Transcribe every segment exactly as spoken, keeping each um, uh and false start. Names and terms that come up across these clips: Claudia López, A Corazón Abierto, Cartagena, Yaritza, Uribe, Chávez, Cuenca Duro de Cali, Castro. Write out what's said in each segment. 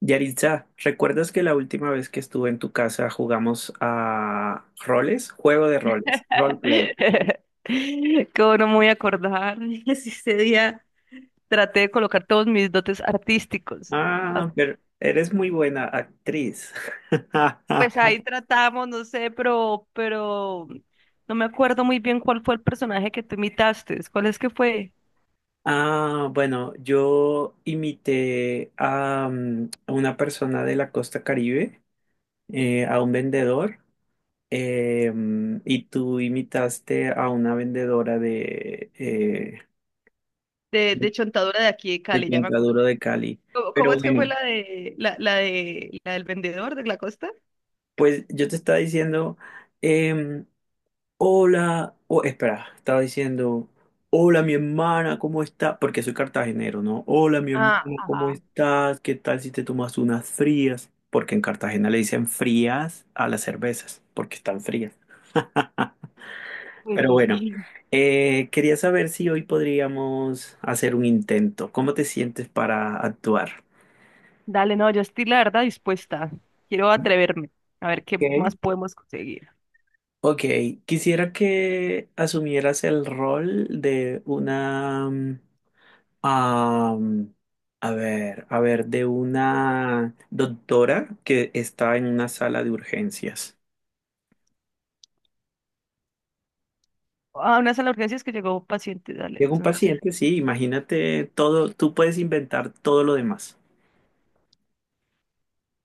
Yaritza, ¿recuerdas que la última vez que estuve en tu casa jugamos a roles? Juego de roles, roleplay. ¿Cómo no me voy a acordar? Si ese día traté de colocar todos mis dotes artísticos. Ah. Ah, pero eres muy buena actriz. Pues ahí tratamos, no sé, pero, pero no me acuerdo muy bien cuál fue el personaje que tú imitaste. ¿Cuál es que fue? Ah, bueno, yo imité a, mm, a una persona de la costa Caribe, eh, a un vendedor, eh, mm, y tú imitaste a una vendedora de, eh, De, de Chontadura de aquí de de Cali, ya me Cuenca Duro acordé. de Cali. ¿Cómo, Pero cómo es que fue bueno. la de la, la de la del vendedor de la costa? Pues yo te estaba diciendo, em, hola, o espera, estaba diciendo, hola mi hermana, ¿cómo estás? Porque soy cartagenero, ¿no? Hola mi hermano, Ah, ¿cómo ajá. estás? ¿Qué tal si te tomas unas frías? Porque en Cartagena le dicen frías a las cervezas, porque están frías. Pues Pero bueno, sí. eh, quería saber si hoy podríamos hacer un intento. ¿Cómo te sientes para actuar? Dale, no, yo estoy la verdad dispuesta. Quiero atreverme a ver qué más Ok. podemos conseguir. Ok, quisiera que asumieras el rol de una mm, Am, a ver, a ver, de una doctora que está en una sala de urgencias. A una sala de urgencias que llegó paciente, dale, Llega un entonces, paciente, sí, imagínate todo, tú puedes inventar todo lo demás.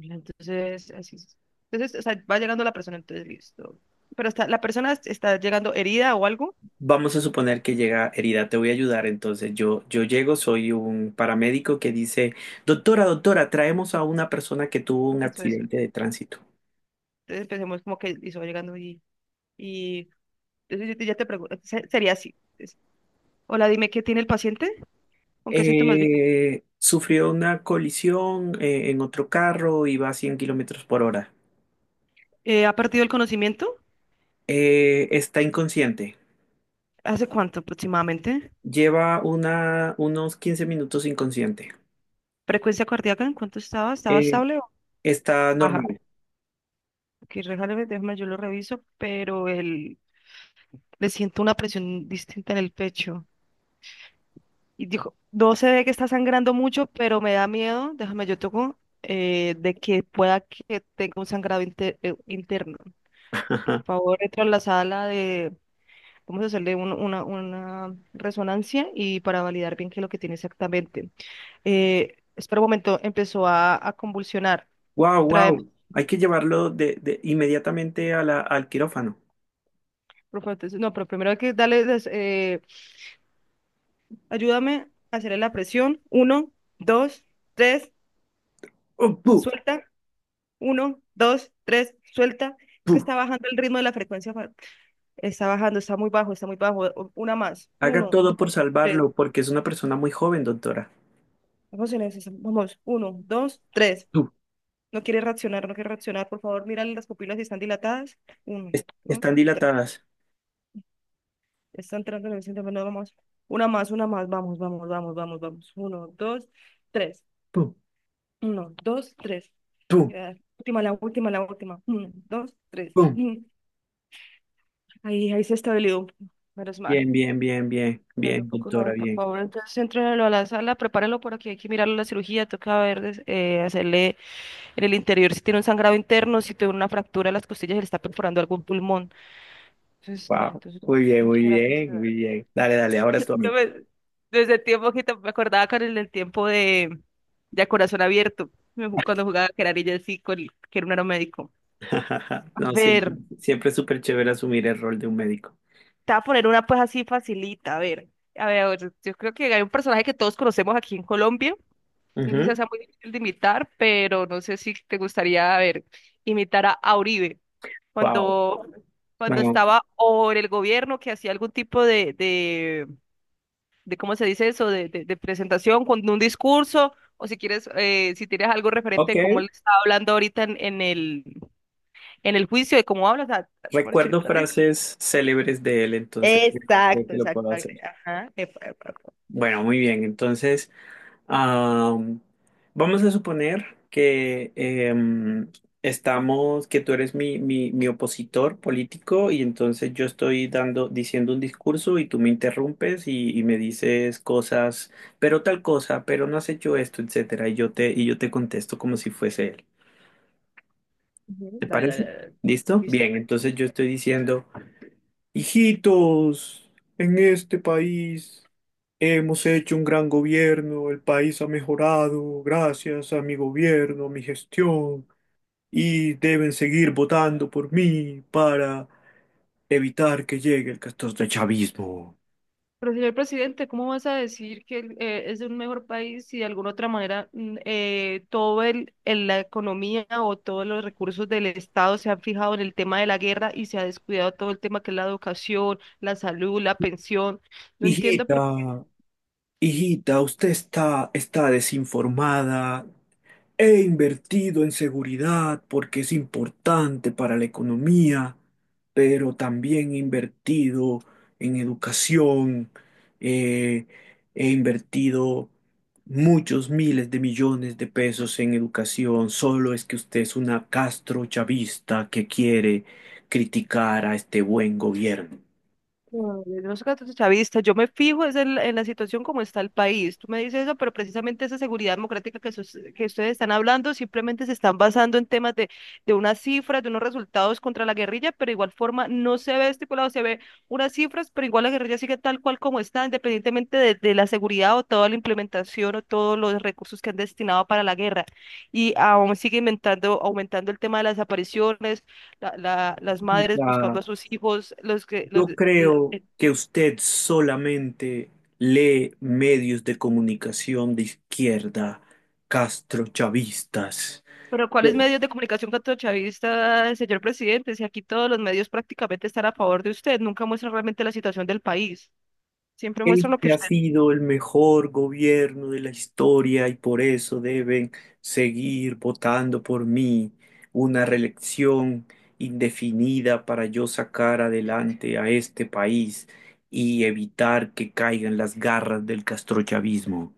entonces, así es. Entonces, o sea, va llegando la persona, entonces, listo. Pero está, la persona est- está llegando herida o algo, Vamos a suponer que llega herida, te voy a ayudar. Entonces yo, yo llego, soy un paramédico que dice, doctora, doctora, traemos a una persona que tuvo un eso es. accidente de tránsito. Entonces, empecemos como que hizo llegando y, y entonces yo te- ya te pregunto, se- sería así. Entonces, hola, dime, ¿qué tiene el paciente? ¿Con qué síntomas vive? Eh, sufrió una colisión eh, en otro carro, iba a cien kilómetros por hora. Eh, ¿ha perdido el conocimiento? Eh, está inconsciente. ¿Hace cuánto aproximadamente? Lleva una, unos quince minutos inconsciente. ¿Frecuencia cardíaca? ¿En cuánto estaba? ¿Estaba Eh, estable o está baja? normal. Ok, déjame, déjame, yo lo reviso, pero el... Le siento una presión distinta en el pecho. Y dijo, no se ve que está sangrando mucho, pero me da miedo, déjame yo toco, eh, de que pueda que tenga un sangrado inter eh, interno. Por favor, entra a la sala de, vamos a hacerle un- una, una resonancia y para validar bien qué es lo que tiene exactamente. Eh, espera un momento, empezó a, a convulsionar. Wow, Tráeme, wow. Hay que llevarlo de, de- inmediatamente a la- al quirófano. por favor, entonces, no, pero primero hay que darle, des- eh, ayúdame a hacerle la presión. Uno, dos, tres, Oh, pu, suelta. Uno, dos, tres, suelta. Es que pu. está bajando el ritmo de la frecuencia. fa- Está bajando, está muy bajo, está muy bajo. O- Una más. Haga Uno, todo por dos, tres. salvarlo, porque es una persona muy joven, doctora. Vamos en eso. Vamos. Uno, dos, tres. Pu. No quiere reaccionar, no quiere reaccionar. Por favor, mírale las pupilas si están dilatadas. Uno, Es- dos, están tres. dilatadas. Está entrando en el centro. Bueno, vamos. Una más, una más. Vamos, vamos, vamos, vamos, vamos. Uno, dos, tres. Pu, Uno, dos, tres. pu, Ya, última, la última, la última. Uno, dos, tres. pu. Mm. Ahí, ahí se estabilizó. Menos mal. Bien, bien, bien, bien, Claro, bien, poco doctora, no, por bien. favor. Entonces, entrénelo a la sala, prepárelo por aquí. Hay que mirarlo la cirugía. Toca ver, des- eh, hacerle en el interior si tiene un sangrado interno, si tiene una fractura de las costillas, le está perforando algún pulmón. Entonces, dale, Wow. entonces, Muy bien, muy muchas gracias. bien, Eva. muy bien. Dale, dale, ahora tú a No mí. me- Desde el tiempo que tam- me acordaba con el del tiempo de, de A Corazón Abierto, me ju- cuando jugaba que era niña así, con, el- que era un aeromédico. A No, ver, siempre, siempre es súper chévere asumir el rol de un médico. te voy a poner una pues así facilita, a ver. A ver, a ver, yo creo que hay un personaje que todos conocemos aquí en Colombia. No sé si sea muy difícil de imitar, pero no sé si te gustaría, a ver, imitar a, a Uribe Wow. cuando, cuando Bueno, estaba o en el gobierno que hacía algún tipo de, de, de ¿cómo se dice eso? De, de, de presentación, con un discurso, o si quieres, eh, si tienes algo referente ok. de cómo él está hablando ahorita en, en el, en el juicio, de cómo habla, o sea, mejor dicho, Recuerdo trate- frases célebres de él, entonces creo exacto, que lo exacto. puedo hacer. Ajá. Epa, epa, epa. Bueno, muy bien. Entonces, am, vamos a suponer que em, estamos, que tú eres mi, mi, mi opositor político y entonces yo estoy dando, diciendo un discurso y tú me interrumpes y, y me dices cosas, pero tal cosa, pero no has hecho esto, etcétera. Y yo te, y yo te contesto como si fuese él. Ujú. ¿Te Dale, dale, parece? dale, dale. ¿Listo? Listo. Bien, entonces yo estoy diciendo. Hijitos, en este país hemos hecho un gran gobierno, el país ha mejorado gracias a mi gobierno, a mi gestión, y deben seguir votando por mí para evitar que llegue el chavismo. Pero señor presidente, ¿cómo vas a decir que el- eh, es un mejor país si de alguna otra manera mm, eh, todo el, el- la economía o todos los recursos del Estado se han fijado en el tema de la guerra y se ha descuidado todo el tema que es la educación, la salud, la pensión? No entiendo. Hijita, hijita, usted está, está desinformada, he invertido en seguridad porque es importante para la economía, pero también he invertido en educación, eh, he invertido muchos miles de millones de pesos en educación, solo es que usted es una castrochavista que quiere criticar a este buen gobierno. No, yo no soy chavista, yo me fijo es en, la en la situación como está el país. Tú me dices eso, pero precisamente esa seguridad democrática que, sus- que ustedes están hablando simplemente se están basando en temas de, de unas cifras, de unos resultados contra la guerrilla, pero igual forma no se ve estipulado, se ve unas cifras, pero igual la guerrilla sigue tal cual como está, independientemente de, de la seguridad o toda la implementación o todos los recursos que han destinado para la guerra. Y aún sigue inventando, aumentando el tema de las apariciones la- la- las madres Quita. buscando a sus hijos, los que, los, Yo de- la- creo eh, que usted solamente lee medios de comunicación de izquierda, castrochavistas. pero ¿cuáles Po- medios de comunicación castrochavista, señor presidente? Si aquí todos los medios prácticamente están a favor de usted, nunca muestran realmente la situación del país, siempre muestran lo que este ha usted, sido el mejor gobierno de la historia y por eso deben seguir votando por mí. Una reelección indefinida para yo sacar adelante a este país y evitar que caigan las garras del castrochavismo.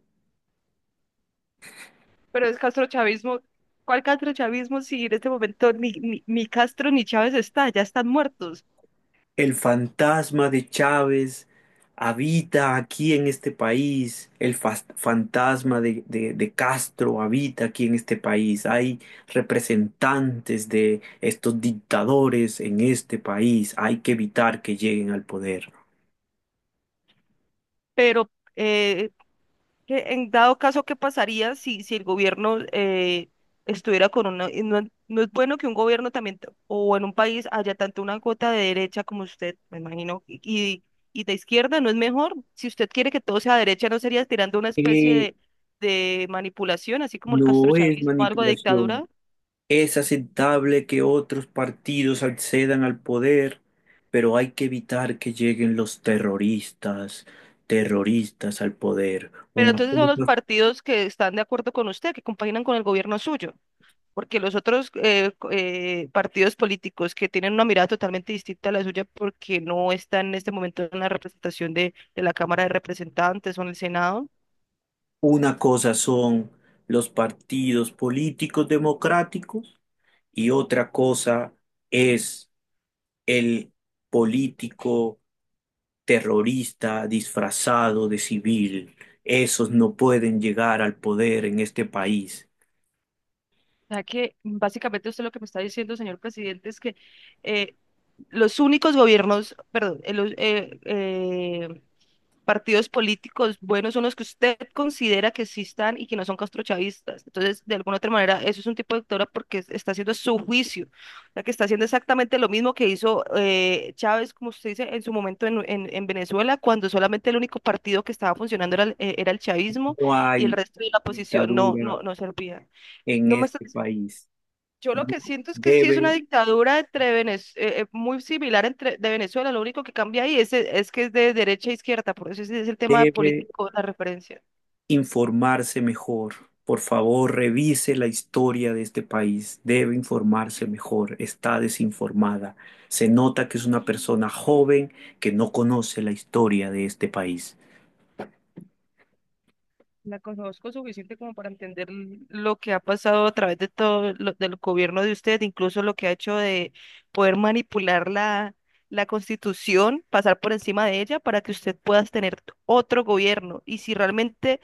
pero es castrochavismo. ¿Cuál castrochavismo si en este momento ni, ni, ni Castro ni Chávez está, ya están muertos? El fantasma de Chávez habita aquí en este país. El fas- fantasma de, de- de Castro habita aquí en este país. Hay representantes de estos dictadores en este país. Hay que evitar que lleguen al poder. Pero eh, que en dado caso, ¿qué pasaría si, si el gobierno eh, estuviera con una... y no, no es bueno que un gobierno también, t- o en un país haya tanto una cuota de derecha como usted, me imagino, y, y y de izquierda, ¿no es mejor? Si usted quiere que todo sea derecha, ¿no sería tirando una especie Eh, de, de manipulación, así como el no es castrochavismo, algo de manipulación. dictadura? Es aceptable que otros partidos accedan al poder, pero hay que evitar que lleguen los terroristas, terroristas al poder. Pero Una entonces son los cosa, partidos que están de acuerdo con usted, que compaginan con el gobierno suyo. Porque los otros eh, co- eh, partidos políticos que tienen una mirada totalmente distinta a la suya porque no están en este momento en la representación de, de la Cámara de Representantes o en el Senado. una cosa son los partidos políticos democráticos y otra cosa es el político terrorista disfrazado de civil. Esos no pueden llegar al poder en este país. O sea que básicamente usted lo que me está diciendo, señor presidente, es que eh, los únicos gobiernos, perdón, eh, los, eh, eh, partidos políticos buenos son los que usted considera que existan y que no son castrochavistas. Entonces, de alguna otra manera, eso es un tipo de dictadura porque es- está haciendo su juicio, o sea, que está haciendo exactamente lo mismo que hizo eh, Chávez, como usted dice, en su momento en, en- en Venezuela, cuando solamente el único partido que estaba funcionando era, el eh, era el chavismo No y el hay resto de la oposición no, dictadura no, no servía. en No me está este país. yo lo que siento es que sí es una Debe, dictadura entre Venez- eh, eh, muy similar entre de Venezuela, lo único que cambia ahí es, eh, es que es de derecha a izquierda, por eso ese es el tema debe político, la referencia. informarse mejor. Por favor, revise la historia de este país. Debe informarse mejor. Está desinformada. Se nota que es una persona joven que no conoce la historia de este país. La conozco suficiente como para entender l- lo que ha pasado a través de todo lo- del gobierno de usted, incluso lo que ha hecho de poder manipular la, la constitución, pasar por encima de ella para que usted pueda tener otro gobierno. Y si realmente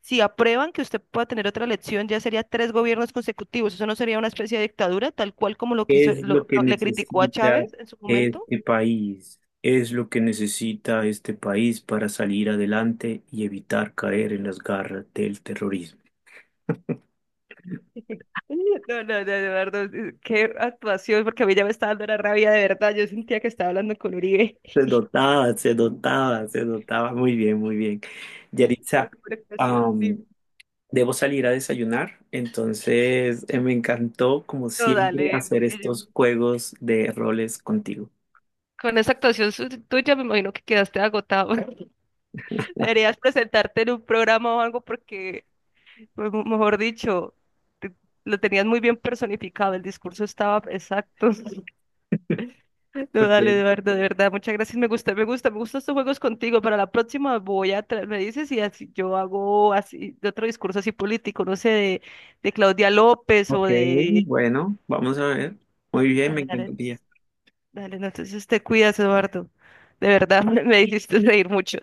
si aprueban que usted pueda tener otra elección, ya sería tres gobiernos consecutivos. ¿Eso no sería una especie de dictadura, tal cual como lo ¿Qué quiso, es lo, lo que lo- le criticó a necesita Chávez en su momento? este país? Es lo que necesita este país para salir adelante y evitar caer en las garras del terrorismo. No, no, no, Eduardo, eh, qué actuación, porque a mí ya me estaba dando la rabia de verdad. Yo sentía que estaba hablando con Uribe. Se notaba, se notaba, se notaba. Muy bien, muy bien. Uy, pero Yaritza, por actuación, am, dime. debo salir a desayunar, entonces eh, me encantó, como No, siempre, dale, hacer porque yo- estos juegos de roles contigo. con esa actuación su- tuya me imagino que quedaste agotado. Deberías presentarte en un programa o algo porque pues, mo- mejor dicho, te- lo tenías muy bien personificado, el discurso estaba exacto. No, dale, Ok, Eduardo, de verdad, muchas gracias. Me gusta, me gusta, me gustan estos juegos contigo. Para la próxima voy a, tra- me dices y así yo hago así, de otro discurso así político, no sé, de, de Claudia López o ok, de... bueno, vamos a ver. Muy bien, me Dale, dale, encantaría. dale, no, entonces te cuidas, Eduardo. De verdad, me, me hiciste reír mucho.